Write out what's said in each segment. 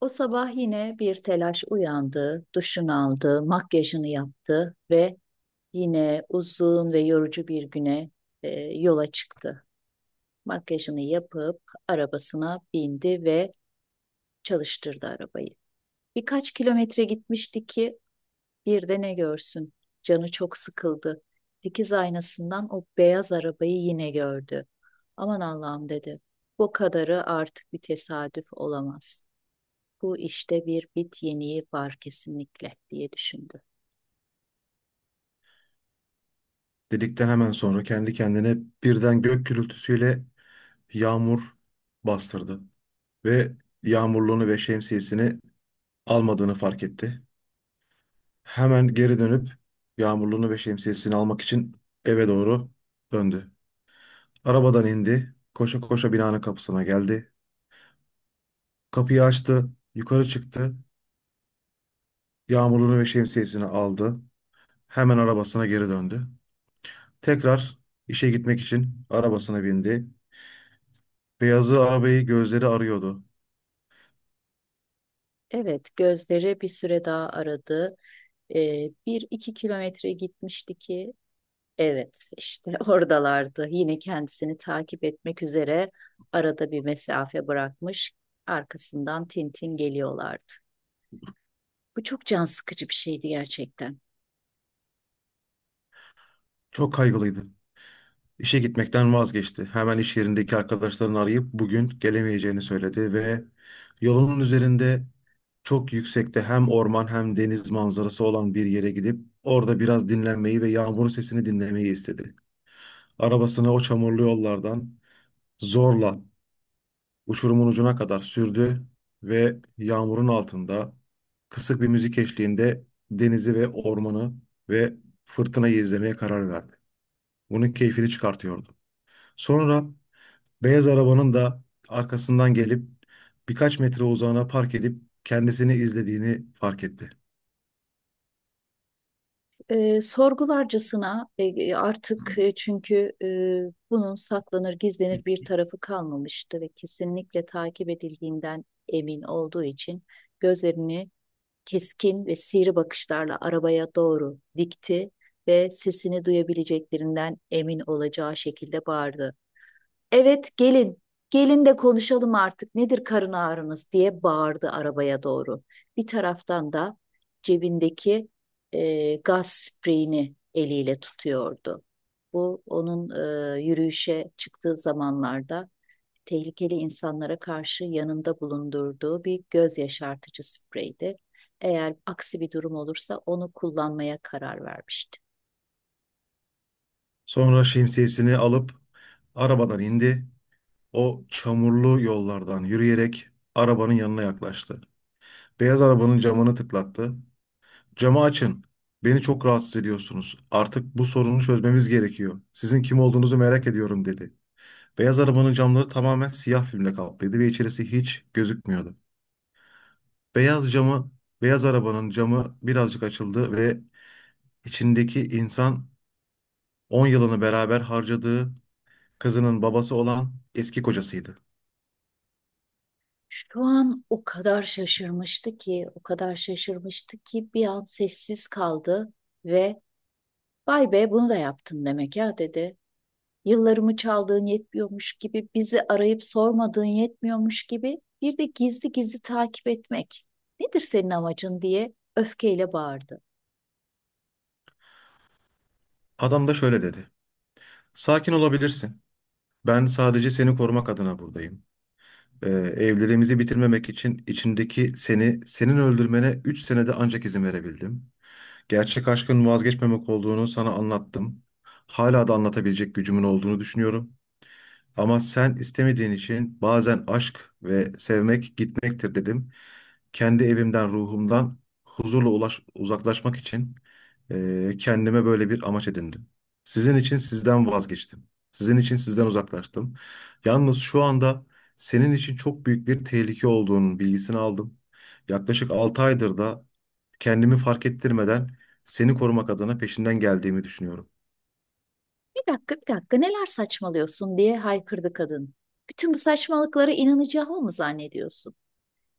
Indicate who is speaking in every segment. Speaker 1: O sabah yine bir telaş uyandı, duşunu aldı, makyajını yaptı ve yine uzun ve yorucu bir güne e, yola çıktı. Makyajını yapıp arabasına bindi ve çalıştırdı arabayı. Birkaç kilometre gitmişti ki bir de ne görsün. Canı çok sıkıldı. Dikiz aynasından o beyaz arabayı yine gördü. Aman Allah'ım dedi. Bu kadarı artık bir tesadüf olamaz. Bu işte bir bit yeniği var kesinlikle diye düşündü.
Speaker 2: Dedikten hemen sonra kendi kendine birden gök gürültüsüyle yağmur bastırdı ve yağmurluğunu ve şemsiyesini almadığını fark etti. Hemen geri dönüp yağmurluğunu ve şemsiyesini almak için eve doğru döndü. Arabadan indi, koşa koşa binanın kapısına geldi. Kapıyı açtı, yukarı çıktı, yağmurluğunu ve şemsiyesini aldı. Hemen arabasına geri döndü. Tekrar işe gitmek için arabasına bindi. Beyazı arabayı gözleri arıyordu.
Speaker 1: Evet, gözleri bir süre daha aradı. Bir iki kilometre gitmişti ki, evet işte oradalardı. Yine kendisini takip etmek üzere arada bir mesafe bırakmış. Arkasından Tintin geliyorlardı. Bu çok can sıkıcı bir şeydi gerçekten.
Speaker 2: Çok kaygılıydı. İşe gitmekten vazgeçti. Hemen iş yerindeki arkadaşlarını arayıp bugün gelemeyeceğini söyledi ve yolunun üzerinde çok yüksekte hem orman hem deniz manzarası olan bir yere gidip orada biraz dinlenmeyi ve yağmurun sesini dinlemeyi istedi. Arabasını o çamurlu yollardan zorla uçurumun ucuna kadar sürdü ve yağmurun altında kısık bir müzik eşliğinde denizi ve ormanı ve fırtınayı izlemeye karar verdi. Bunun keyfini çıkartıyordu. Sonra beyaz arabanın da arkasından gelip birkaç metre uzağına park edip kendisini izlediğini fark etti.
Speaker 1: Sorgularcasına artık çünkü bunun saklanır gizlenir bir tarafı kalmamıştı ve kesinlikle takip edildiğinden emin olduğu için gözlerini keskin ve sivri bakışlarla arabaya doğru dikti ve sesini duyabileceklerinden emin olacağı şekilde bağırdı. Evet gelin. Gelin de konuşalım artık. Nedir karın ağrınız diye bağırdı arabaya doğru. Bir taraftan da cebindeki gaz spreyini eliyle tutuyordu. Bu onun yürüyüşe çıktığı zamanlarda tehlikeli insanlara karşı yanında bulundurduğu bir göz yaşartıcı spreydi. Eğer aksi bir durum olursa onu kullanmaya karar vermişti.
Speaker 2: Sonra şemsiyesini alıp arabadan indi. O çamurlu yollardan yürüyerek arabanın yanına yaklaştı. Beyaz arabanın camını tıklattı. Camı açın. Beni çok rahatsız ediyorsunuz. Artık bu sorunu çözmemiz gerekiyor. Sizin kim olduğunuzu merak ediyorum dedi. Beyaz arabanın camları tamamen siyah filmle kaplıydı ve içerisi hiç gözükmüyordu. Beyaz camı, beyaz arabanın camı birazcık açıldı ve içindeki insan 10 yılını beraber harcadığı kızının babası olan eski kocasıydı.
Speaker 1: Şu an o kadar şaşırmıştı ki, o kadar şaşırmıştı ki bir an sessiz kaldı ve vay be bunu da yaptın demek ya dedi. Yıllarımı çaldığın yetmiyormuş gibi, bizi arayıp sormadığın yetmiyormuş gibi bir de gizli gizli takip etmek. Nedir senin amacın diye öfkeyle bağırdı.
Speaker 2: Adam da şöyle dedi. Sakin olabilirsin. Ben sadece seni korumak adına buradayım. Evliliğimizi bitirmemek için içindeki seni, senin öldürmene 3 senede ancak izin verebildim. Gerçek aşkın vazgeçmemek olduğunu sana anlattım. Hala da anlatabilecek gücümün olduğunu düşünüyorum. Ama sen istemediğin için bazen aşk ve sevmek gitmektir dedim. Kendi evimden, ruhumdan huzurla uzaklaşmak için kendime böyle bir amaç edindim. Sizin için sizden vazgeçtim. Sizin için sizden uzaklaştım. Yalnız şu anda senin için çok büyük bir tehlike olduğunun bilgisini aldım. Yaklaşık 6 aydır da kendimi fark ettirmeden seni korumak adına peşinden geldiğimi düşünüyorum.
Speaker 1: Bir dakika, bir dakika, neler saçmalıyorsun diye haykırdı kadın. Bütün bu saçmalıklara inanacağımı mı zannediyorsun?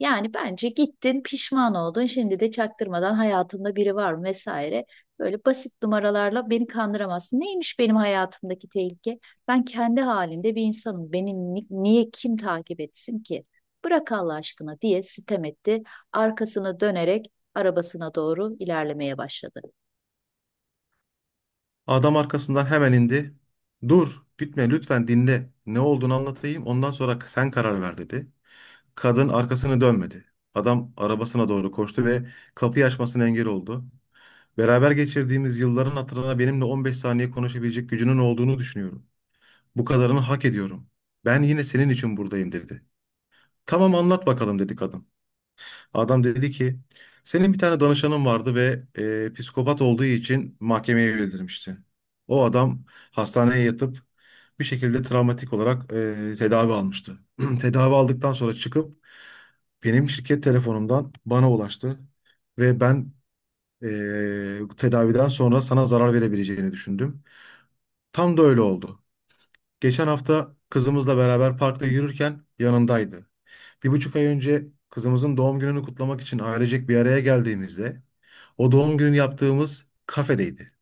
Speaker 1: Yani bence gittin pişman oldun şimdi de çaktırmadan hayatında biri var mı vesaire. Böyle basit numaralarla beni kandıramazsın. Neymiş benim hayatımdaki tehlike? Ben kendi halinde bir insanım. Benim niye kim takip etsin ki? Bırak Allah aşkına diye sitem etti. Arkasını dönerek arabasına doğru ilerlemeye başladı.
Speaker 2: Adam arkasından hemen indi. Dur, gitme lütfen dinle. Ne olduğunu anlatayım. Ondan sonra sen karar ver dedi. Kadın arkasını dönmedi. Adam arabasına doğru koştu ve kapıyı açmasına engel oldu. Beraber geçirdiğimiz yılların hatırına benimle 15 saniye konuşabilecek gücünün olduğunu düşünüyorum. Bu kadarını hak ediyorum. Ben yine senin için buradayım dedi. Tamam anlat bakalım dedi kadın. Adam dedi ki senin bir tane danışanın vardı ve psikopat olduğu için mahkemeye bildirmişti. O adam hastaneye yatıp bir şekilde travmatik olarak tedavi almıştı. Tedavi aldıktan sonra çıkıp benim şirket telefonumdan bana ulaştı ve ben tedaviden sonra sana zarar verebileceğini düşündüm. Tam da öyle oldu. Geçen hafta kızımızla beraber parkta yürürken yanındaydı. 1,5 ay önce kızımızın doğum gününü kutlamak için ailecek bir araya geldiğimizde o doğum günü yaptığımız kafedeydi.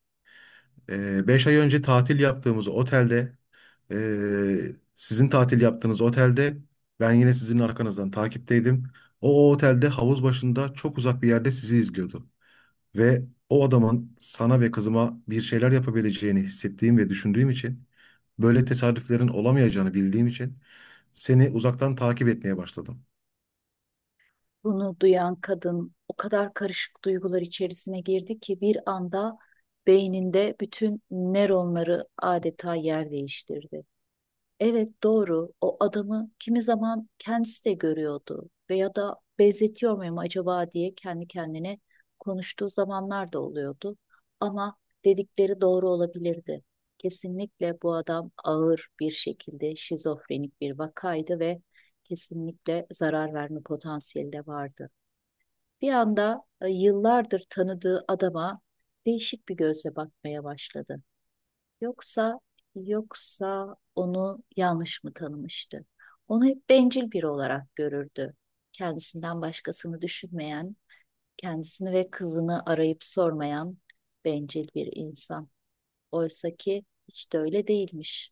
Speaker 2: 5 ay önce tatil yaptığımız otelde, sizin tatil yaptığınız otelde ben yine sizin arkanızdan takipteydim. O otelde havuz başında çok uzak bir yerde sizi izliyordu. Ve o adamın sana ve kızıma bir şeyler yapabileceğini hissettiğim ve düşündüğüm için, böyle tesadüflerin olamayacağını bildiğim için seni uzaktan takip etmeye başladım.
Speaker 1: Bunu duyan kadın o kadar karışık duygular içerisine girdi ki bir anda beyninde bütün nöronları adeta yer değiştirdi. Evet doğru. O adamı kimi zaman kendisi de görüyordu veya da benzetiyor muyum acaba diye kendi kendine konuştuğu zamanlar da oluyordu. Ama dedikleri doğru olabilirdi. Kesinlikle bu adam ağır bir şekilde şizofrenik bir vakaydı ve kesinlikle zarar verme potansiyeli de vardı. Bir anda yıllardır tanıdığı adama değişik bir gözle bakmaya başladı. Yoksa, yoksa onu yanlış mı tanımıştı? Onu hep bencil biri olarak görürdü. Kendisinden başkasını düşünmeyen, kendisini ve kızını arayıp sormayan bencil bir insan. Oysa ki hiç de öyle değilmiş.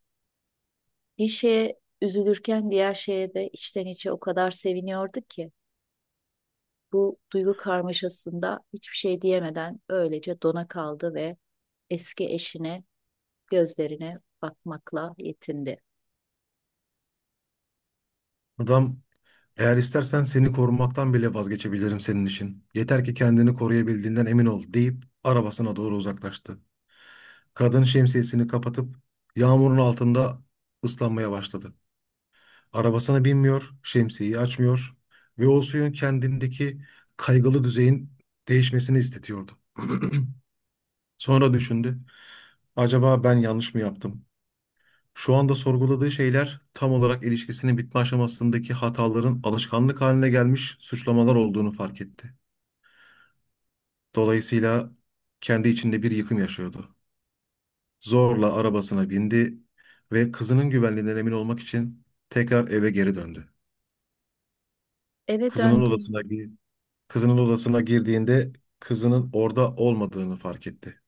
Speaker 1: Bir şeye üzülürken diğer şeye de içten içe o kadar seviniyordu ki bu duygu karmaşasında hiçbir şey diyemeden öylece dona kaldı ve eski eşine gözlerine bakmakla yetindi.
Speaker 2: Adam: Eğer istersen seni korumaktan bile vazgeçebilirim senin için. Yeter ki kendini koruyabildiğinden emin ol deyip arabasına doğru uzaklaştı. Kadın şemsiyesini kapatıp yağmurun altında ıslanmaya başladı. Arabasına binmiyor, şemsiyeyi açmıyor ve o suyun kendindeki kaygılı düzeyin değişmesini istetiyordu. Sonra düşündü. Acaba ben yanlış mı yaptım? Şu anda sorguladığı şeyler tam olarak ilişkisinin bitme aşamasındaki hataların alışkanlık haline gelmiş suçlamalar olduğunu fark etti. Dolayısıyla kendi içinde bir yıkım yaşıyordu. Zorla arabasına bindi ve kızının güvenliğinden emin olmak için tekrar eve geri döndü.
Speaker 1: Eve
Speaker 2: Kızının
Speaker 1: döndü.
Speaker 2: odasına gi- kızının odasına girdiğinde kızının orada olmadığını fark etti.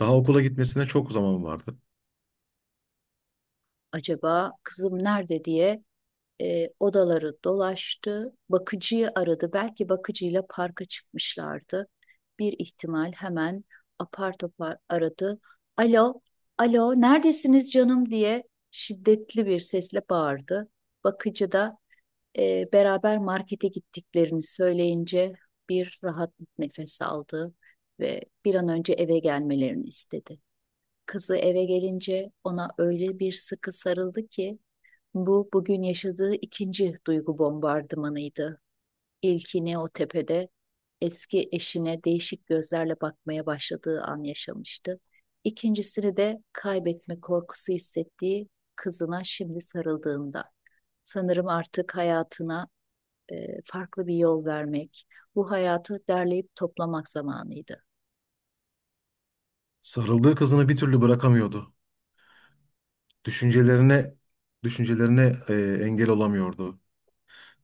Speaker 2: Daha okula gitmesine çok zaman vardı.
Speaker 1: Acaba kızım nerede diye odaları dolaştı. Bakıcıyı aradı. Belki bakıcıyla parka çıkmışlardı. Bir ihtimal hemen apar topar aradı. Alo, alo, neredesiniz canım diye şiddetli bir sesle bağırdı. Bakıcı da beraber markete gittiklerini söyleyince bir rahat nefes aldı ve bir an önce eve gelmelerini istedi. Kızı eve gelince ona öyle bir sıkı sarıldı ki bu bugün yaşadığı ikinci duygu bombardımanıydı. İlkini o tepede eski eşine değişik gözlerle bakmaya başladığı an yaşamıştı. İkincisini de kaybetme korkusu hissettiği kızına şimdi sarıldığında. Sanırım artık hayatına farklı bir yol vermek, bu hayatı derleyip toplamak zamanıydı.
Speaker 2: Sarıldığı kızını bir türlü bırakamıyordu. Düşüncelerine düşüncelerine e, engel olamıyordu.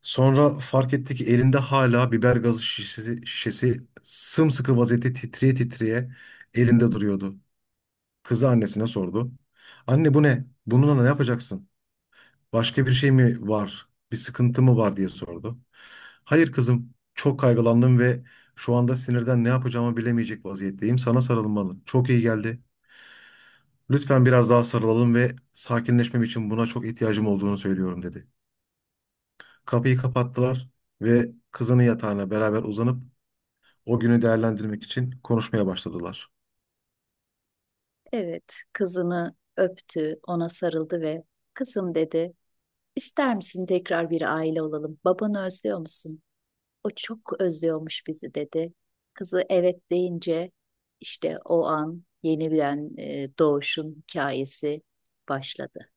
Speaker 2: Sonra fark etti ki elinde hala biber gazı şişesi sımsıkı vaziyette titreye titreye elinde duruyordu. Kızı annesine sordu. Anne bu ne? Bununla ne yapacaksın? Başka bir şey mi var? Bir sıkıntı mı var diye sordu. Hayır kızım, çok kaygılandım ve şu anda sinirden ne yapacağımı bilemeyecek vaziyetteyim. Sana sarılmalı. Çok iyi geldi. Lütfen biraz daha sarılalım ve sakinleşmem için buna çok ihtiyacım olduğunu söylüyorum dedi. Kapıyı kapattılar ve kızının yatağına beraber uzanıp o günü değerlendirmek için konuşmaya başladılar.
Speaker 1: Evet, kızını öptü, ona sarıldı ve kızım dedi, ister misin tekrar bir aile olalım? Babanı özlüyor musun? O çok özlüyormuş bizi dedi. Kızı evet deyince işte o an yeniden doğuşun hikayesi başladı.